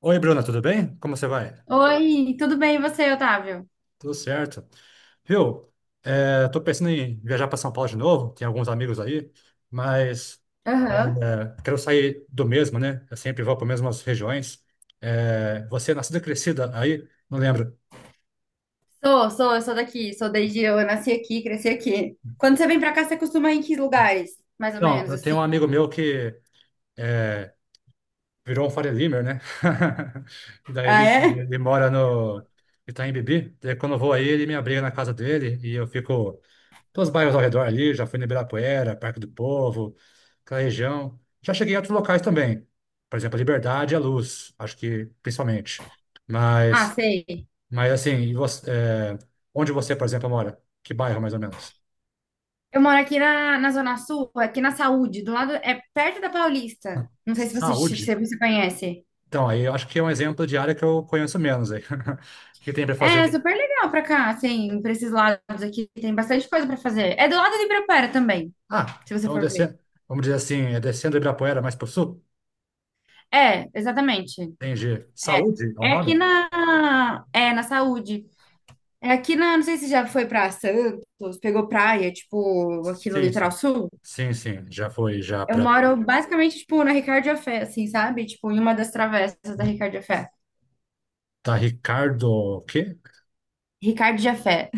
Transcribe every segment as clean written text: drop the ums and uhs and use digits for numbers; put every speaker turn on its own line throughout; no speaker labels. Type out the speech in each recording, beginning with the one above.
Oi, Bruna, tudo bem? Como você vai?
Oi, tudo bem e você, Otávio?
Tudo certo. Viu? É, tô pensando em viajar para São Paulo de novo, tem alguns amigos aí, mas
Aham.
quero sair do mesmo, né? Eu sempre vou para as mesmas regiões. É, você é nascida e crescida aí? Não lembro.
Sou, sou, eu sou daqui, sou desde eu nasci aqui, cresci aqui. Quando você vem pra cá, você costuma ir em que lugares? Mais ou
Não,
menos
eu tenho
assim.
um amigo meu que é, virou um Faria Limer, né? Daí
Ah,
ele,
é?
ele mora no Itaim Bibi. Daí quando eu vou aí, ele me abriga na casa dele e eu fico. Então, os bairros ao redor ali, já fui no Ibirapuera, Parque do Povo, aquela região. Já cheguei em outros locais também. Por exemplo, a Liberdade e a Luz, acho que principalmente.
Ah,
Mas,
sei.
mas assim, onde você, por exemplo, mora? Que bairro, mais ou menos?
Eu moro aqui na Zona Sul, aqui na Saúde, do lado, é perto da Paulista. Não sei se você, se
Saúde?
você conhece.
Então, aí eu acho que é um exemplo de área que eu conheço menos aí. O que tem para fazer?
É super legal pra cá, assim, pra esses lados aqui, tem bastante coisa pra fazer. É do lado de Ibirapuera também,
Ah,
se você
então
for ver.
descendo, vamos dizer assim, é descendo do Ibirapuera mais para o sul?
É, exatamente.
Entendi. Saúde é o
É aqui
nome?
na Saúde. É aqui não sei se já foi pra Santos, pegou praia, tipo, aqui no
Sim,
litoral
sim.
sul.
Sim, sim. Já foi, já
Eu
para.
moro basicamente, tipo, na Ricardo Jafé, assim, sabe? Tipo, em uma das travessas da Ricardo Jafé.
Tá Ricardo, o quê?
Ricardo Jafé.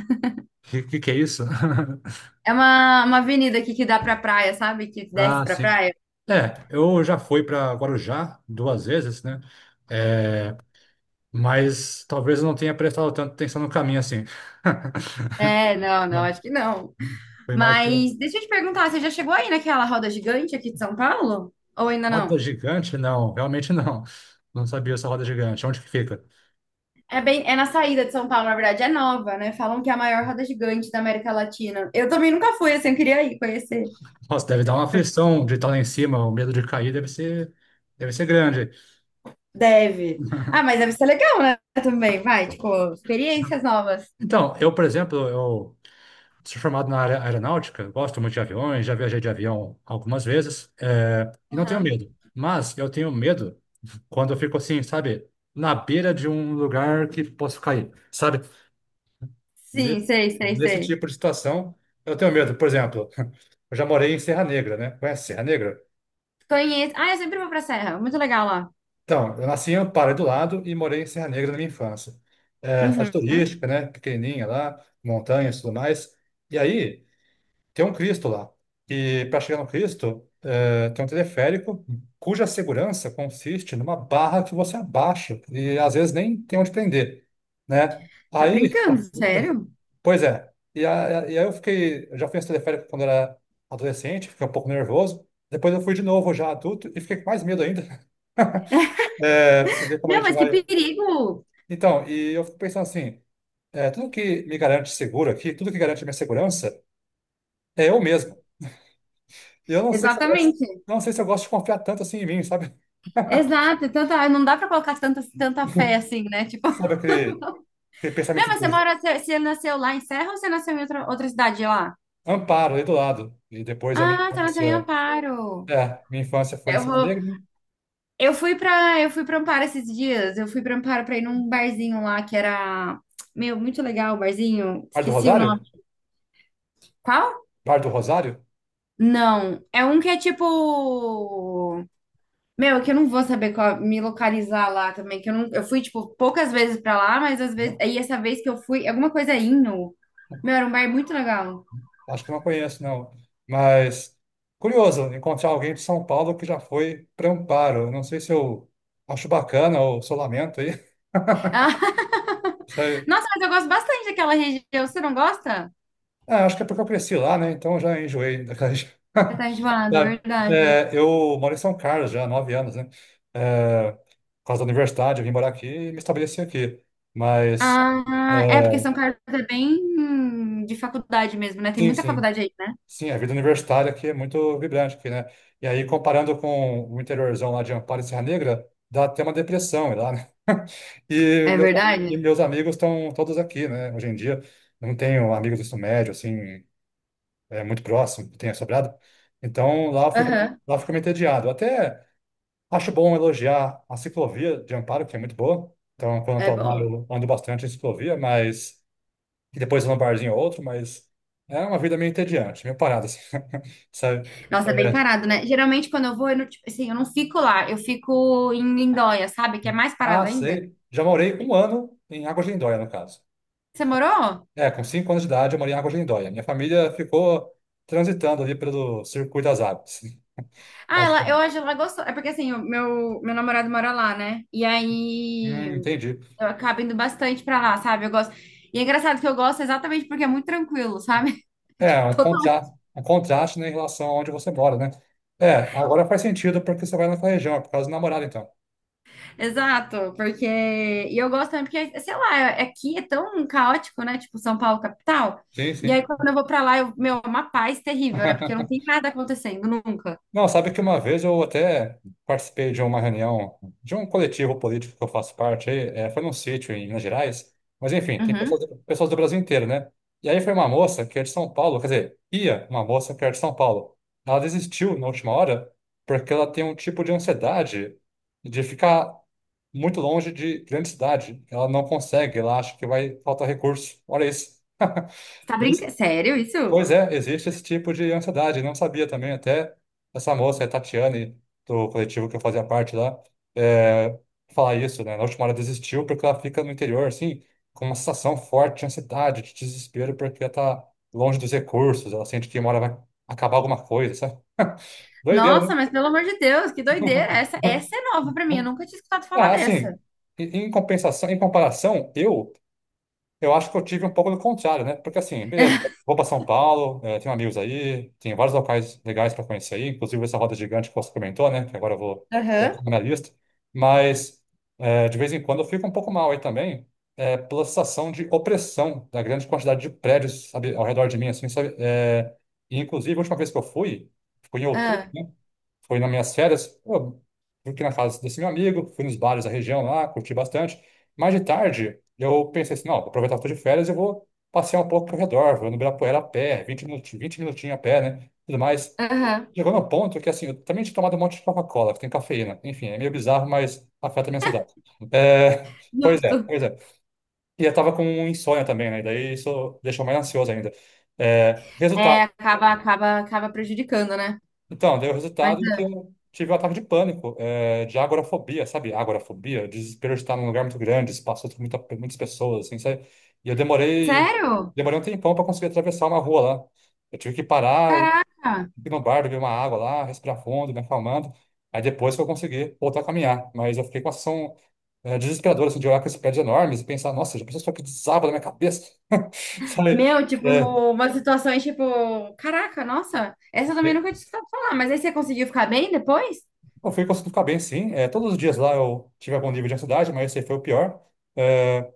Que é isso?
É uma avenida aqui que dá pra praia, sabe? Que desce
Ah,
pra
sim.
praia.
É, eu já fui para Guarujá duas vezes, né? É, mas talvez eu não tenha prestado tanta atenção no caminho assim.
É, não, não,
Não,
acho que não.
foi mais por.
Mas deixa eu te perguntar, você já chegou aí naquela roda gigante aqui de São Paulo? Ou ainda
Roda
não?
gigante? Não, realmente não. Não sabia essa roda gigante. Onde que fica?
É bem, é na saída de São Paulo, na verdade, é nova, né? Falam que é a maior roda gigante da América Latina. Eu também nunca fui, assim, eu queria ir conhecer.
Nossa, deve dar uma aflição de estar lá em cima, o medo de cair deve ser grande.
Deve. Ah, mas deve ser legal, né? Também, vai, tipo, experiências novas.
Então, eu, por exemplo, eu sou formado na área aeronáutica, gosto muito de aviões, já viajei de avião algumas vezes, e não tenho
Aham.
medo. Mas eu tenho medo quando eu fico assim, sabe, na beira de um lugar que posso cair, sabe?
Sim,
Nesse,
sei, sei,
nesse
sei.
tipo de situação, eu tenho medo. Por exemplo, eu já morei em Serra Negra, né? Conhece Serra Negra?
Conheço. Ah, eu sempre vou pra Serra. Muito legal lá.
Então, eu nasci em Amparo do lado e morei em Serra Negra na minha infância. É, cidade
Uhum.
turística, né? Pequenininha lá, montanhas e tudo mais. E aí, tem um Cristo lá. E para chegar no Cristo, tem um teleférico cuja segurança consiste numa barra que você abaixa e às vezes nem tem onde prender, né?
Tá
Aí,
brincando, sério?
pois é. E aí eu fiquei, eu já fui nesse teleférico quando era adolescente, fiquei um pouco nervoso. Depois eu fui de novo já adulto e fiquei com mais medo ainda. É, pra você ver como a
Não,
gente
mas que
vai.
perigo!
Então, e eu fico pensando assim, tudo que me garante seguro aqui, tudo que garante a minha segurança é eu mesmo. Eu não sei se eu gosto,
Exatamente.
não sei se eu gosto de confiar tanto assim em mim, sabe?
Exato. Não dá pra colocar tanta fé assim, né? Tipo,
Sobre aquele
meu,
pensamento
mas você
dos...
mora, você nasceu lá em Serra ou você nasceu em outra cidade lá?
Amparo ali do lado. E depois a minha
Ah, você nasceu em
infância.
Amparo.
É, minha infância foi em
Eu
Serra
vou,
Negra, né?
Eu fui pra eu fui para Amparo esses dias. Eu fui pra Amparo pra ir num barzinho lá que era meu, muito legal o barzinho.
Bar do
Esqueci o nome.
Rosário?
Qual?
Bar do Rosário?
Não, é um que é tipo meu, que eu não vou saber qual- me localizar lá também, que eu não eu fui tipo poucas vezes pra lá, mas às vezes
Não,
aí essa vez que eu fui, alguma coisa Inno. Meu, era um bar muito legal.
acho que não conheço, não. Mas curioso encontrar alguém de São Paulo que já foi para Amparo. Não sei se eu acho bacana ou se eu lamento aí.
Ah, nossa, mas eu gosto bastante daquela região. Você não gosta?
Ah, acho que é porque eu cresci lá, né? Então eu já enjoei daquela região.
Você tá enjoado, é
Sabe?
verdade.
É, eu moro em São Carlos já há 9 anos, né? É, por causa da universidade, eu vim morar aqui e me estabeleci aqui. Mas, é,
Ah, é porque São Carlos é bem de faculdade mesmo, né? Tem
sim,
muita
sim.
faculdade aí, né?
Sim, a vida universitária aqui é muito vibrante aqui, né? E aí, comparando com o interiorzão lá de Amparo e Serra Negra, dá até uma depressão lá, né? E
É
meus, e
verdade?
meus amigos estão todos aqui, né? Hoje em dia, não tenho amigos do ensino médio, assim, é muito próximo, tenha sobrado. Então lá eu fico,
Aham.
lá eu fico meio entediado. Eu até acho bom elogiar a ciclovia de Amparo, que é muito boa. Então, quando eu
É
tô lá,
boa.
eu ando bastante em ciclovia, mas. E depois eu vou num barzinho ou outro, mas é uma vida meio entediante, meio parada, assim. Sabe?
Nossa, é bem
É,
parado, né? Geralmente quando eu vou, eu não, tipo, assim, eu não fico lá, eu fico em Lindóia, sabe? Que é mais
ah,
parado ainda.
sei. Já morei um ano em Águas de Lindóia, no caso.
Você morou?
É, com 5 anos de idade eu morei em Águas de Lindóia. Minha família ficou transitando ali pelo circuito das águas,
Ah, ela, eu
basicamente.
hoje ela gostou. É porque assim, o meu namorado mora lá, né? E aí
Entendi.
eu acabo indo bastante pra lá, sabe? Eu gosto. E é engraçado que eu gosto exatamente porque é muito tranquilo, sabe? É tipo
É, um contra, um contraste, né, em relação a onde você mora, né? É, agora faz sentido porque você vai naquela região, é por causa do namorado, então.
Exato, porque. E eu gosto também, porque, sei lá, aqui é tão caótico, né? Tipo, São Paulo, capital.
Sim,
E aí,
sim.
quando eu vou pra lá, eu... meu, é uma paz terrível, né? Porque não tem nada acontecendo nunca.
Não, sabe que uma vez eu até participei de uma reunião, de um coletivo político que eu faço parte aí, foi num sítio em Minas Gerais, mas enfim, tem
Uhum.
pessoas do Brasil inteiro, né? E aí foi uma moça que é de São Paulo, quer dizer, ia uma moça que era de São Paulo. Ela desistiu na última hora porque ela tem um tipo de ansiedade de ficar muito longe de grande cidade. Ela não consegue, ela acha que vai faltar recurso. Olha isso.
Você tá brincando? Sério, isso?
Pois é, existe esse tipo de ansiedade. Não sabia também, até essa moça, a Tatiane, do coletivo que eu fazia parte lá, é, falar isso, né? Na última hora desistiu porque ela fica no interior, assim, com uma sensação forte de ansiedade, de desespero, porque ela tá longe dos recursos, ela sente que uma hora vai acabar alguma coisa, sabe? Doideira, né?
Nossa, mas pelo amor de Deus, que doideira! Essa, essa é nova pra mim, eu nunca tinha escutado falar
Ah, assim,
dessa.
em compensação, em comparação, eu. Eu acho que eu tive um pouco do contrário, né? Porque assim, beleza, vou para São Paulo, tenho amigos aí, tem vários locais legais para conhecer aí, inclusive essa roda gigante que você comentou, né? Que agora eu vou colocar
Aham.
na minha lista. Mas de vez em quando eu fico um pouco mal aí também, pela sensação de opressão da grande quantidade de prédios, sabe, ao redor de mim, assim, sabe? E inclusive, a última vez que eu fui, foi em outubro,
Ah,
né? Foi nas minhas férias, pô, fui aqui na casa desse meu amigo, fui nos bares da região lá, curti bastante. Mais de tarde, eu pensei assim, não, vou aproveitar que eu tô de férias, eu vou passear um pouco ao redor, vou no Ibirapuera a pé, vinte minutinhos a pé, né? Tudo mais.
aham,
Chegou no ponto que, assim, eu também tinha tomado um monte de Coca-Cola, que tem cafeína. Enfim, é meio bizarro, mas afeta a minha ansiedade. É, pois é,
justo.
pois é. E eu tava com um insônia também, né? Daí isso deixou mais ansioso ainda. É,
É,
resultado
acaba prejudicando, né?
então, deu o
Mas,
resultado que
ah,
eu tive um ataque de pânico, é, de agorafobia, sabe? Agorafobia, desespero de estar num lugar muito grande, espaço com muita, muitas pessoas, assim, sabe? E eu
sério?
demorei um tempão para conseguir atravessar uma rua lá. Eu tive que parar, ir
Caraca!
no bar, beber uma água lá, respirar fundo, me acalmando. Aí depois que eu consegui voltar a caminhar. Mas eu fiquei com a sensação, é, desesperadora, assim, de olhar com esses prédios enormes e pensar, nossa, já pensou só que desaba na minha cabeça? Sabe?
Meu, tipo, umas situações tipo, caraca, nossa, essa eu também
É,
nunca tinha escutado falar, mas aí você conseguiu ficar bem depois?
eu fui conseguindo ficar bem, sim. É, todos os dias lá eu tive algum nível de ansiedade, mas esse foi o pior. É,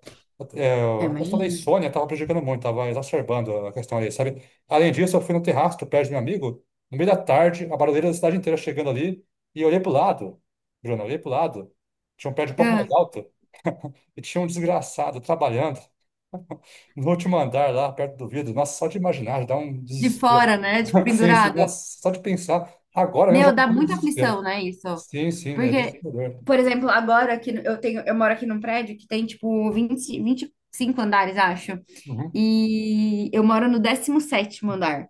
é,
Eu
a questão da
imagino.
insônia estava prejudicando muito, estava exacerbando a questão ali, sabe? Além disso, eu fui no terraço do prédio do meu amigo, no meio da tarde, a barulheira da cidade inteira chegando ali, e eu olhei pro lado, Bruno, eu olhei pro lado, tinha um prédio um pouco mais
Ah,
alto, e tinha um desgraçado trabalhando, no último andar lá, perto do vidro. Nossa, só de imaginar, já dá um
de
desespero.
fora, né? Tipo,
Sim, sim,
pendurado.
nossa, só de pensar. Agora mesmo já
Meu, dá
tenho um
muita
desespero.
aflição, né, isso?
Sim, sim, é
Porque,
desesperador.
por exemplo, agora aqui eu tenho, eu moro aqui num prédio que tem tipo 20 25 andares, acho.
Uhum,
E eu moro no 17º andar.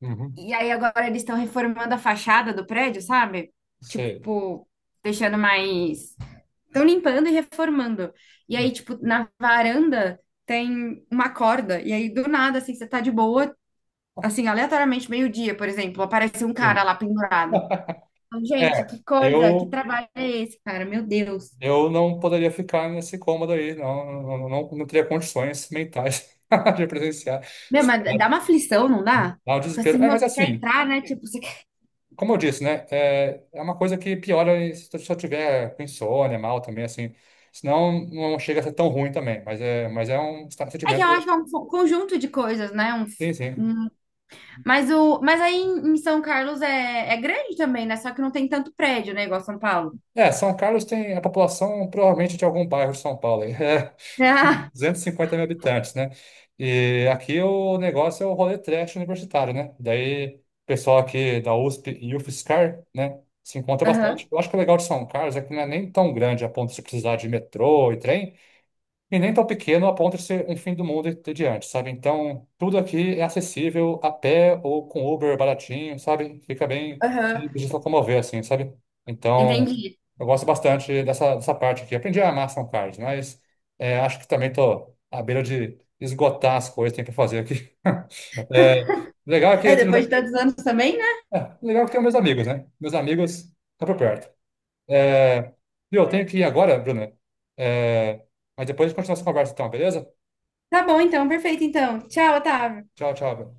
uhum,
E aí agora eles estão reformando a fachada do prédio, sabe?
sei.
Tipo, deixando mais Estão limpando e reformando. E
Hum,
aí, tipo, na varanda tem uma corda. E aí, do nada, assim, você tá de boa, assim, aleatoriamente, meio-dia, por exemplo, aparece um cara
Sim.
lá pendurado. Então, gente,
É,
que coisa, que trabalho é esse, cara? Meu Deus.
eu não poderia ficar nesse cômodo aí, não, não, não, não teria condições mentais de presenciar.
Meu, mas dá uma aflição, não dá?
Dá um
Fica assim,
desespero. É,
meu,
mas
você quer
assim.
entrar, né? Tipo, você quer...
Como eu disse, né? É, é uma coisa que piora se eu se tiver com insônia, mal também, assim. Senão não chega a ser tão ruim também, mas é um
É que eu acho
sentimento.
que é um conjunto de coisas, né?
Sim, sim.
Um- Mas, aí em São Carlos é... é grande também, né? Só que não tem tanto prédio, né? Igual São Paulo.
É, São Carlos tem a população provavelmente de algum bairro de São Paulo, aí. É
Ah,
250 mil habitantes, né? E aqui o negócio é o rolê trash universitário, né? Daí o pessoal aqui da USP e UFSCar, né? Se encontra
aham,
bastante. Eu acho que o legal de São Carlos é que não é nem tão grande a ponto de você precisar de metrô e trem. E nem tão pequeno a ponto de ser um fim do mundo e ter diante, sabe? Então, tudo aqui é acessível a pé ou com Uber baratinho, sabe? Fica bem
aham.
simples de se locomover, assim, sabe? Então,
Entendi.
eu gosto bastante dessa parte aqui. Aprendi a amar São Carlos, mas é, acho que também tô à beira de esgotar as coisas que tem para fazer aqui. É, legal é que
É,
eu
depois de
tenho,
tantos anos também, né?
Legal é que eu tenho meus amigos, né? Meus amigos estão por perto. É, e eu tenho que ir agora, Bruna. É, mas depois a gente continua essa conversa, então, beleza?
Tá bom, então, perfeito, então. Tchau, Otávio.
Tchau, tchau. Bel.